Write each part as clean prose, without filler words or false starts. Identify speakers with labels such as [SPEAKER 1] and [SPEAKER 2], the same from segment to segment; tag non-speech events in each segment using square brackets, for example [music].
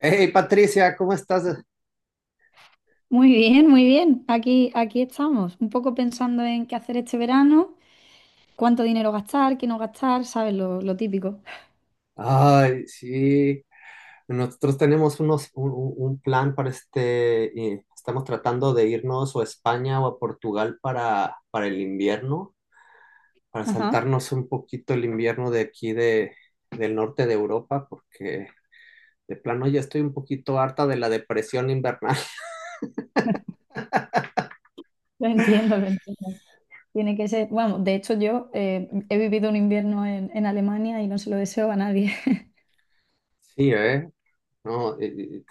[SPEAKER 1] Hey Patricia, ¿cómo estás?
[SPEAKER 2] Muy bien, muy bien. Aquí estamos, un poco pensando en qué hacer este verano, cuánto dinero gastar, qué no gastar, ¿sabes? Lo típico.
[SPEAKER 1] Ay, sí, nosotros tenemos un plan para estamos tratando de irnos o a España o a Portugal para el invierno, para
[SPEAKER 2] Ajá.
[SPEAKER 1] saltarnos un poquito el invierno de aquí del norte de Europa, porque de plano ya estoy un poquito harta de la depresión invernal. [laughs]
[SPEAKER 2] [laughs] Lo entiendo, lo entiendo. Tiene que ser, bueno, de hecho yo he vivido un invierno en Alemania y no se lo deseo a nadie. [laughs]
[SPEAKER 1] Sí, ¿eh? No, eh,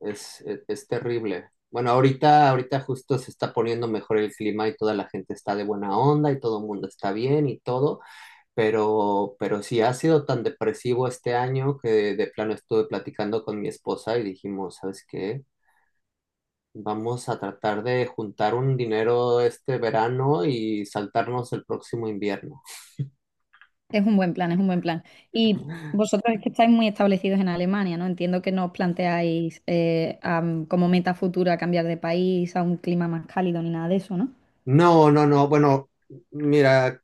[SPEAKER 1] es, es, es terrible. Bueno, ahorita justo se está poniendo mejor el clima y toda la gente está de buena onda y todo el mundo está bien y todo, pero sí ha sido tan depresivo este año que de plano estuve platicando con mi esposa y dijimos, ¿sabes qué? Vamos a tratar de juntar un dinero este verano y saltarnos el próximo invierno.
[SPEAKER 2] Es un buen plan, es un buen plan. Y vosotros es que estáis muy establecidos en Alemania, ¿no? Entiendo que no os planteáis como meta futura cambiar de país a un clima más cálido ni nada de eso, ¿no?
[SPEAKER 1] No, no, no. Bueno, mira,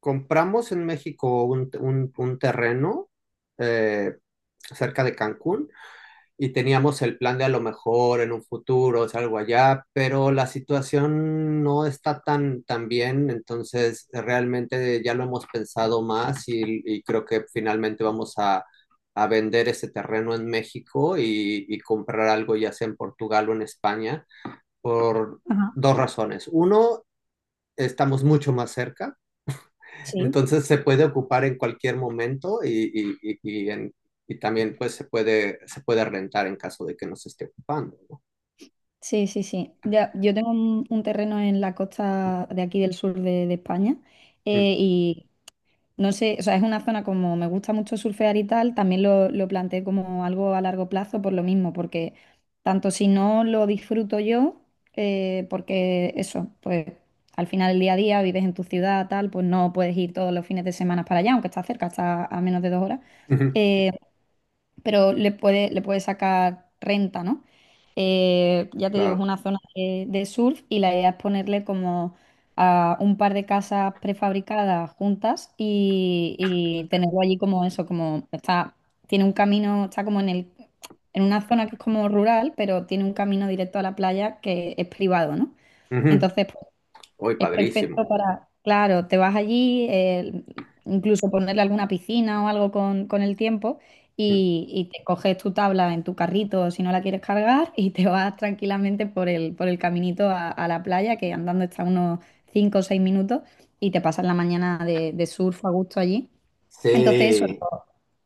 [SPEAKER 1] compramos en México un terreno eh, cerca de Cancún y teníamos el plan de a lo mejor en un futuro, es algo allá, pero la situación no está tan bien, entonces realmente ya lo hemos pensado más y creo que finalmente a vender ese terreno en México y comprar algo ya sea en Portugal o en España por
[SPEAKER 2] Ajá.
[SPEAKER 1] dos razones. Uno, estamos mucho más cerca
[SPEAKER 2] Sí.
[SPEAKER 1] entonces se puede ocupar en cualquier momento y también pues se puede rentar en caso de que no se esté ocupando, ¿no?
[SPEAKER 2] Sí, sí, sí. Ya, yo tengo un terreno en la costa de aquí del sur de España, y no sé, o sea, es una zona como me gusta mucho surfear y tal, también lo planteé como algo a largo plazo por lo mismo, porque tanto si no lo disfruto yo, porque eso, pues al final del día a día vives en tu ciudad, tal, pues no puedes ir todos los fines de semana para allá, aunque está cerca, está a menos de 2 horas.
[SPEAKER 1] Mm, ujú,
[SPEAKER 2] eh, pero le puede sacar renta, ¿no? Ya te digo, es
[SPEAKER 1] claro.
[SPEAKER 2] una zona de surf y la idea es ponerle como a un par de casas prefabricadas juntas y tenerlo allí como eso, como está. Tiene un camino, está como en una zona que es como rural, pero tiene un camino directo a la playa que es privado, ¿no?
[SPEAKER 1] Ujú.
[SPEAKER 2] Entonces,
[SPEAKER 1] Uy,
[SPEAKER 2] es
[SPEAKER 1] padrísimo.
[SPEAKER 2] perfecto para, claro, te vas allí, incluso ponerle alguna piscina o algo con el tiempo
[SPEAKER 1] Mm.
[SPEAKER 2] y te coges tu tabla en tu carrito si no la quieres cargar y te vas tranquilamente por el caminito a la playa, que andando está unos 5 o 6 minutos y te pasas la mañana de surf a gusto allí. Entonces, eso,
[SPEAKER 1] Sí.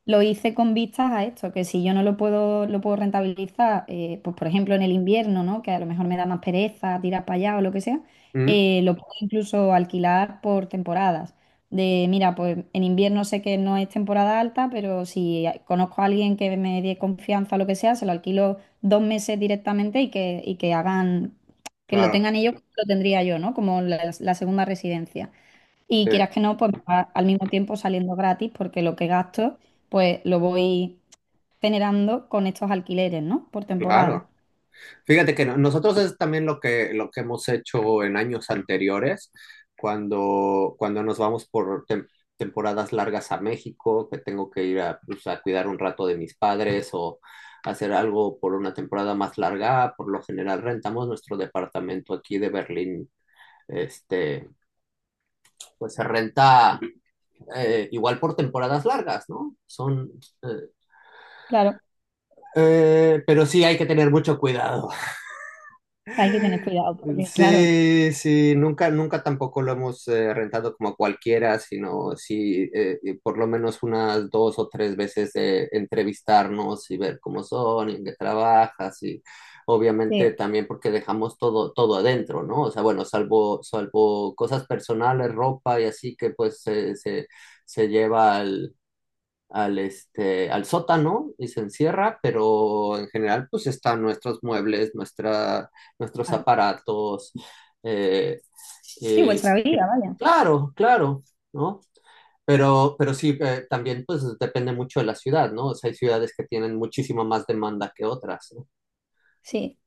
[SPEAKER 2] lo hice con vistas a esto, que si yo no lo puedo, lo puedo rentabilizar, pues por ejemplo en el invierno, ¿no? Que a lo mejor me da más pereza tirar para allá o lo que sea,
[SPEAKER 1] Mm,
[SPEAKER 2] lo puedo incluso alquilar por temporadas. Mira, pues en invierno sé que no es temporada alta, pero si conozco a alguien que me dé confianza o lo que sea, se lo alquilo 2 meses directamente y que hagan, que lo
[SPEAKER 1] claro,
[SPEAKER 2] tengan ellos, como lo tendría yo, ¿no? Como la segunda residencia. Y
[SPEAKER 1] sí,
[SPEAKER 2] quieras que no, pues me va al mismo tiempo saliendo gratis porque lo que gasto, pues lo voy generando con estos alquileres, ¿no? Por temporada.
[SPEAKER 1] claro. Fíjate que no- nosotros es también lo que hemos hecho en años anteriores, cuando nos vamos por temporadas largas a México, que tengo que ir a, pues, a cuidar un rato de mis padres o hacer algo por una temporada más larga. Por lo general rentamos nuestro departamento aquí de Berlín. Este, pues se renta igual por temporadas largas, ¿no? Eh,
[SPEAKER 2] Claro,
[SPEAKER 1] pero sí hay que tener mucho cuidado.
[SPEAKER 2] hay que tener cuidado porque, claro,
[SPEAKER 1] Sí, sí, nunca tampoco lo hemos rentado como a cualquiera, sino sí, por lo menos unas dos o tres veces de entrevistarnos y ver cómo son y en qué trabajas y obviamente
[SPEAKER 2] sí,
[SPEAKER 1] también porque dejamos todo adentro, ¿no? O sea, bueno, salvo cosas personales, ropa y así que pues se lleva este, al sótano y se encierra, pero en general pues están nuestros
[SPEAKER 2] claro.
[SPEAKER 1] aparatos. eh,
[SPEAKER 2] Sí,
[SPEAKER 1] eh,
[SPEAKER 2] vuestra vida, vaya.
[SPEAKER 1] claro, claro, ¿no? Pero sí, también pues depende mucho de la ciudad, ¿no? O sea, hay ciudades que tienen muchísima más demanda que otras, ¿no?
[SPEAKER 2] Sí.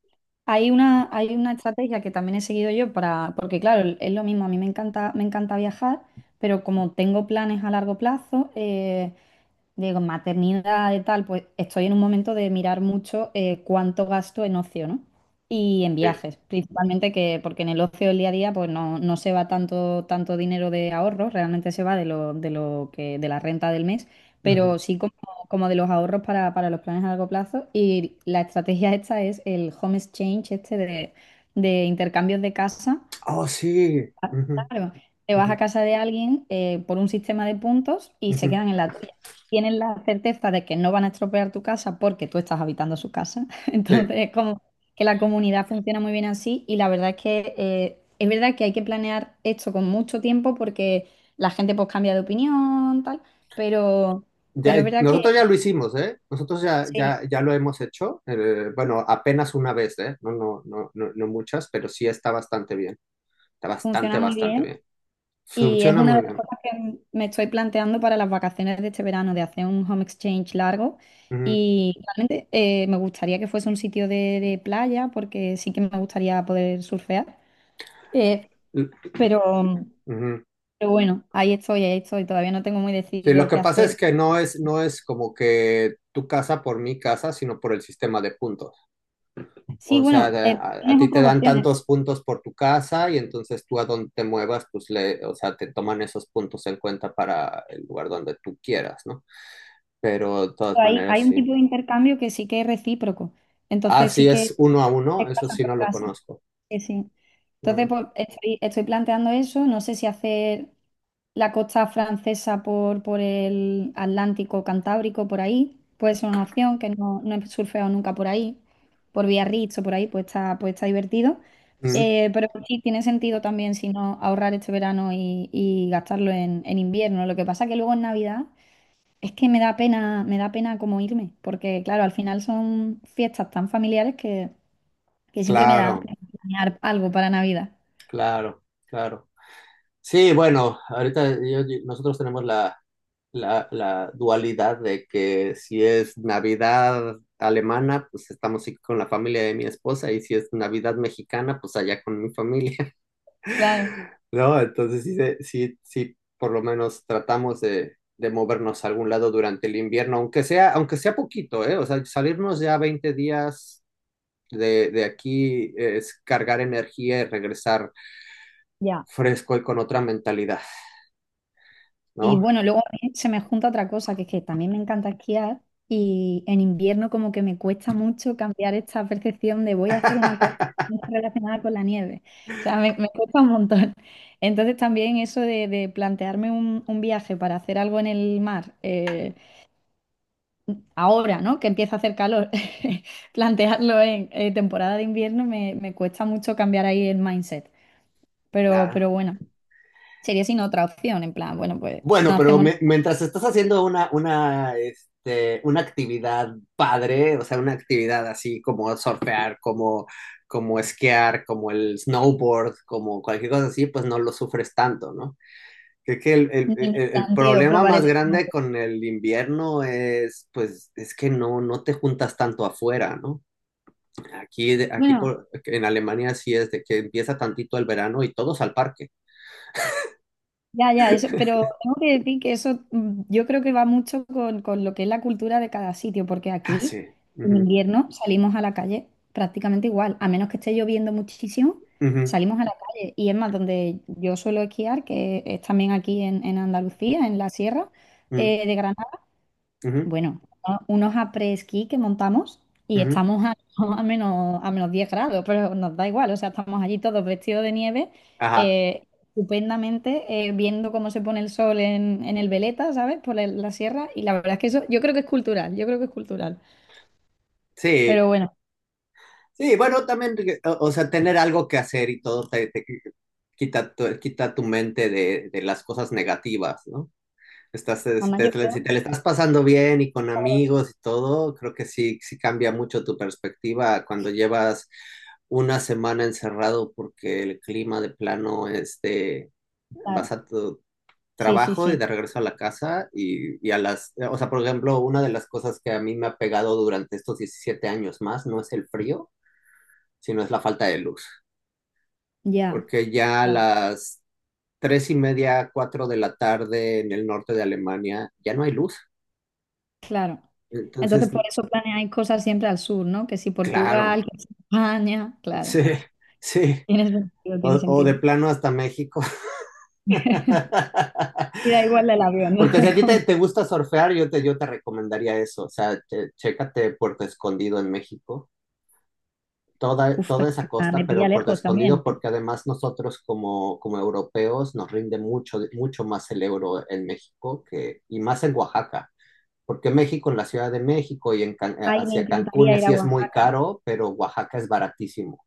[SPEAKER 2] Hay una estrategia que también he seguido yo para, porque claro, es lo mismo, a mí me encanta viajar, pero como tengo planes a largo plazo, de maternidad y tal, pues estoy en un momento de mirar mucho cuánto gasto en ocio, ¿no? Y en
[SPEAKER 1] Sí.
[SPEAKER 2] viajes, principalmente que, porque en el ocio del día a día, pues no se va tanto, tanto dinero de ahorros, realmente se va de la renta del mes,
[SPEAKER 1] Ujú.
[SPEAKER 2] pero sí como de los ahorros para los planes a largo plazo. Y la estrategia esta es el home exchange, este de intercambios de casa.
[SPEAKER 1] Oh, sí.
[SPEAKER 2] Ah,
[SPEAKER 1] Ujú,
[SPEAKER 2] claro, te vas a
[SPEAKER 1] ujú,
[SPEAKER 2] casa de alguien por un sistema de puntos y se
[SPEAKER 1] ujú.
[SPEAKER 2] quedan en la tuya. Tienen la certeza de que no van a estropear tu casa porque tú estás habitando su casa. [laughs]
[SPEAKER 1] Sí.
[SPEAKER 2] Entonces, es como que la comunidad funciona muy bien así y la verdad es que es verdad que hay que planear esto con mucho tiempo porque la gente pues cambia de opinión, tal, pero,
[SPEAKER 1] Ya,
[SPEAKER 2] pero es verdad que
[SPEAKER 1] nosotros ya lo hicimos, ¿eh?
[SPEAKER 2] sí,
[SPEAKER 1] Ya lo hemos hecho. Eh, bueno, apenas una vez, ¿eh? No, no, no, no, no muchas, pero sí está bastante bien. Está bastante,
[SPEAKER 2] funciona muy
[SPEAKER 1] bastante
[SPEAKER 2] bien.
[SPEAKER 1] bien.
[SPEAKER 2] Y es
[SPEAKER 1] Funciona
[SPEAKER 2] una de
[SPEAKER 1] muy
[SPEAKER 2] las
[SPEAKER 1] bien.
[SPEAKER 2] cosas que me estoy planteando para las vacaciones de este verano, de hacer un home exchange largo.
[SPEAKER 1] Ujú.
[SPEAKER 2] Y realmente me gustaría que fuese un sitio de playa, porque sí que me gustaría poder surfear. Eh,
[SPEAKER 1] L-
[SPEAKER 2] pero,
[SPEAKER 1] ujú.
[SPEAKER 2] pero bueno, ahí estoy, ahí estoy. Todavía no tengo muy
[SPEAKER 1] Sí, lo
[SPEAKER 2] decidido
[SPEAKER 1] que
[SPEAKER 2] qué
[SPEAKER 1] pasa es
[SPEAKER 2] hacer.
[SPEAKER 1] que no es como que tu casa por mi casa, sino por el sistema de puntos.
[SPEAKER 2] Sí,
[SPEAKER 1] O
[SPEAKER 2] bueno,
[SPEAKER 1] sea, a
[SPEAKER 2] tienes
[SPEAKER 1] ti te
[SPEAKER 2] otras
[SPEAKER 1] dan
[SPEAKER 2] opciones.
[SPEAKER 1] tantos puntos por tu casa y entonces tú a donde te muevas, pues le, o sea, te toman esos puntos en cuenta para el lugar donde tú quieras, ¿no? Pero de todas
[SPEAKER 2] Hay
[SPEAKER 1] maneras,
[SPEAKER 2] un
[SPEAKER 1] sí.
[SPEAKER 2] tipo de intercambio que sí que es recíproco.
[SPEAKER 1] Ah,
[SPEAKER 2] Entonces
[SPEAKER 1] sí,
[SPEAKER 2] sí
[SPEAKER 1] es
[SPEAKER 2] que
[SPEAKER 1] uno a uno,
[SPEAKER 2] es
[SPEAKER 1] eso
[SPEAKER 2] casa
[SPEAKER 1] sí
[SPEAKER 2] por
[SPEAKER 1] no lo
[SPEAKER 2] casa.
[SPEAKER 1] conozco.
[SPEAKER 2] Sí, sí. Entonces,
[SPEAKER 1] Mm,
[SPEAKER 2] pues, estoy planteando eso. No sé si hacer la costa francesa por, el Atlántico Cantábrico, por ahí. Puede ser una opción que no he surfeado nunca por ahí, por Biarritz o por ahí, pues está divertido.
[SPEAKER 1] mm,
[SPEAKER 2] Pero sí, tiene sentido también si no ahorrar este verano y gastarlo en invierno. Lo que pasa que luego en Navidad es que me da pena como irme, porque claro, al final son fiestas tan familiares que siempre me da
[SPEAKER 1] claro,
[SPEAKER 2] pena planear algo para Navidad.
[SPEAKER 1] claro, claro. Sí, bueno, ahorita nosotros tenemos la dualidad de que si es Navidad alemana, pues estamos aquí con la familia de mi esposa, y si es Navidad mexicana, pues allá con mi familia, [laughs]
[SPEAKER 2] Claro.
[SPEAKER 1] ¿no? Entonces sí, sí, por lo menos tratamos de movernos a algún lado durante el invierno, aunque sea poquito, ¿eh? O sea, salirnos ya 20 días de aquí es cargar energía y regresar fresco y con otra mentalidad,
[SPEAKER 2] Y
[SPEAKER 1] ¿no?
[SPEAKER 2] bueno, luego a mí se me junta otra cosa, que es que también me encanta esquiar y en invierno como que me cuesta mucho cambiar esta percepción de voy a hacer una cosa
[SPEAKER 1] [laughs]
[SPEAKER 2] que no está relacionada con la nieve. O sea, me cuesta un montón. [laughs] Entonces también eso de plantearme un viaje para hacer algo en el mar, ahora, ¿no? Que empieza a hacer calor, [laughs] plantearlo en temporada de invierno me cuesta mucho cambiar ahí el mindset. Pero,
[SPEAKER 1] Claro.
[SPEAKER 2] pero bueno, sería sin otra opción, en plan, bueno, pues no
[SPEAKER 1] Bueno, pero
[SPEAKER 2] hacemos.
[SPEAKER 1] mientras estás haciendo una actividad padre, o sea, una actividad así como surfear, como, como esquiar, como el snowboard, como cualquier cosa así, pues no lo sufres tanto, ¿no? Creo que el, el-
[SPEAKER 2] Ni me
[SPEAKER 1] el- el
[SPEAKER 2] planteo
[SPEAKER 1] problema
[SPEAKER 2] probar el
[SPEAKER 1] más grande
[SPEAKER 2] estómago.
[SPEAKER 1] con el invierno es, pues, es que no te juntas tanto afuera, ¿no? Aquí, aquí
[SPEAKER 2] Bueno,
[SPEAKER 1] por, en Alemania sí es de que empieza tantito el verano y todos al parque.
[SPEAKER 2] ya, ya, eso, pero tengo que decir que eso yo creo que va mucho con lo que es la cultura de cada sitio, porque
[SPEAKER 1] Ah,
[SPEAKER 2] aquí
[SPEAKER 1] sí.
[SPEAKER 2] en
[SPEAKER 1] Ujú,
[SPEAKER 2] invierno salimos a la calle prácticamente igual, a menos que esté lloviendo muchísimo,
[SPEAKER 1] ujú,
[SPEAKER 2] salimos a la calle. Y es más, donde yo suelo esquiar, que es también aquí en Andalucía, en la sierra
[SPEAKER 1] mm,
[SPEAKER 2] de Granada.
[SPEAKER 1] ujú.
[SPEAKER 2] Bueno, unos après-ski que montamos y
[SPEAKER 1] Ujú,
[SPEAKER 2] estamos [laughs] a menos 10 grados, pero nos da igual, o sea, estamos allí todos vestidos de nieve,
[SPEAKER 1] ajá,
[SPEAKER 2] eh, estupendamente, viendo cómo se pone el sol en el Veleta, ¿sabes? Por la sierra, y la verdad es que eso yo creo que es cultural, yo creo que es cultural.
[SPEAKER 1] sí,
[SPEAKER 2] Pero bueno,
[SPEAKER 1] sí, bueno, también, o sea, tener algo que hacer y todo te, te quita tu mente de las cosas negativas, ¿no? Estás,
[SPEAKER 2] mamá, yo creo,
[SPEAKER 1] si te la estás pasando bien y con amigos y todo, creo que sí, sí cambia mucho tu perspectiva cuando llevas una semana encerrado porque el clima de plano, este, vas
[SPEAKER 2] claro,
[SPEAKER 1] a,
[SPEAKER 2] sí, sí,
[SPEAKER 1] trabajo y
[SPEAKER 2] sí,
[SPEAKER 1] de regreso a la casa y a las, o sea, por ejemplo, una de las cosas que a mí me ha pegado durante estos 17 años más no es el frío, sino es la falta de luz,
[SPEAKER 2] ya,
[SPEAKER 1] porque ya a
[SPEAKER 2] ya,
[SPEAKER 1] las 3 y media, cuatro de la tarde en el norte de Alemania ya no hay luz.
[SPEAKER 2] claro. Entonces,
[SPEAKER 1] Entonces,
[SPEAKER 2] por eso planeáis cosas siempre al sur, ¿no? Que si Portugal,
[SPEAKER 1] claro,
[SPEAKER 2] que si España,
[SPEAKER 1] [laughs]
[SPEAKER 2] claro,
[SPEAKER 1] sí, sí,
[SPEAKER 2] tiene sentido, tiene
[SPEAKER 1] o de
[SPEAKER 2] sentido.
[SPEAKER 1] plano hasta México. [laughs]
[SPEAKER 2] Y da igual del avión, ¿no? [laughs]
[SPEAKER 1] Porque si a
[SPEAKER 2] Es
[SPEAKER 1] ti
[SPEAKER 2] como,
[SPEAKER 1] te gusta surfear, yo te recomendaría eso, o sea, chécate Puerto Escondido en México
[SPEAKER 2] uf,
[SPEAKER 1] toda
[SPEAKER 2] pero que
[SPEAKER 1] esa costa,
[SPEAKER 2] me pilla
[SPEAKER 1] pero por lo
[SPEAKER 2] lejos también,
[SPEAKER 1] escondido,
[SPEAKER 2] ¿eh?
[SPEAKER 1] porque además nosotros como, como europeos nos rinde mucho más el euro en México que, y más en Oaxaca, porque México, en la Ciudad de México y en,
[SPEAKER 2] Ay, me
[SPEAKER 1] hacia Cancún y
[SPEAKER 2] encantaría ir a
[SPEAKER 1] así es muy
[SPEAKER 2] Oaxaca.
[SPEAKER 1] caro, pero Oaxaca es baratísimo.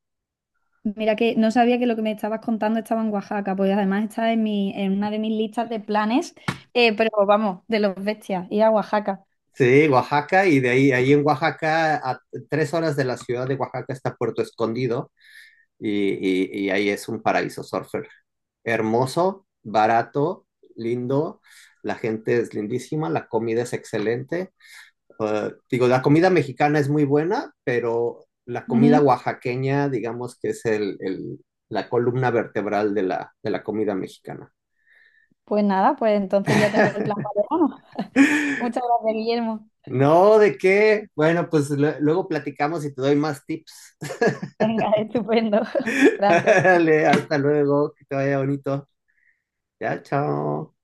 [SPEAKER 2] Mira que no sabía que lo que me estabas contando estaba en Oaxaca, pues además está en una de mis listas de planes, pero vamos, de los bestias, ir a Oaxaca.
[SPEAKER 1] Sí, Oaxaca, y de ahí, ahí en Oaxaca, a 3 horas de la ciudad de Oaxaca está Puerto Escondido, y, y ahí es un paraíso surfer. Hermoso, barato, lindo, la gente es lindísima, la comida es excelente. Digo, la comida mexicana es muy buena, pero la comida
[SPEAKER 2] Ujú.
[SPEAKER 1] oaxaqueña, digamos que es la columna vertebral de la comida mexicana.
[SPEAKER 2] Pues nada, pues entonces ya tengo el plan para verano. Muchas gracias, Guillermo.
[SPEAKER 1] No, ¿de qué? Bueno, pues luego platicamos y te doy más tips.
[SPEAKER 2] Venga, estupendo. [laughs]
[SPEAKER 1] [laughs]
[SPEAKER 2] Gracias.
[SPEAKER 1] Dale, hasta luego, que te vaya bonito. Ya, chao.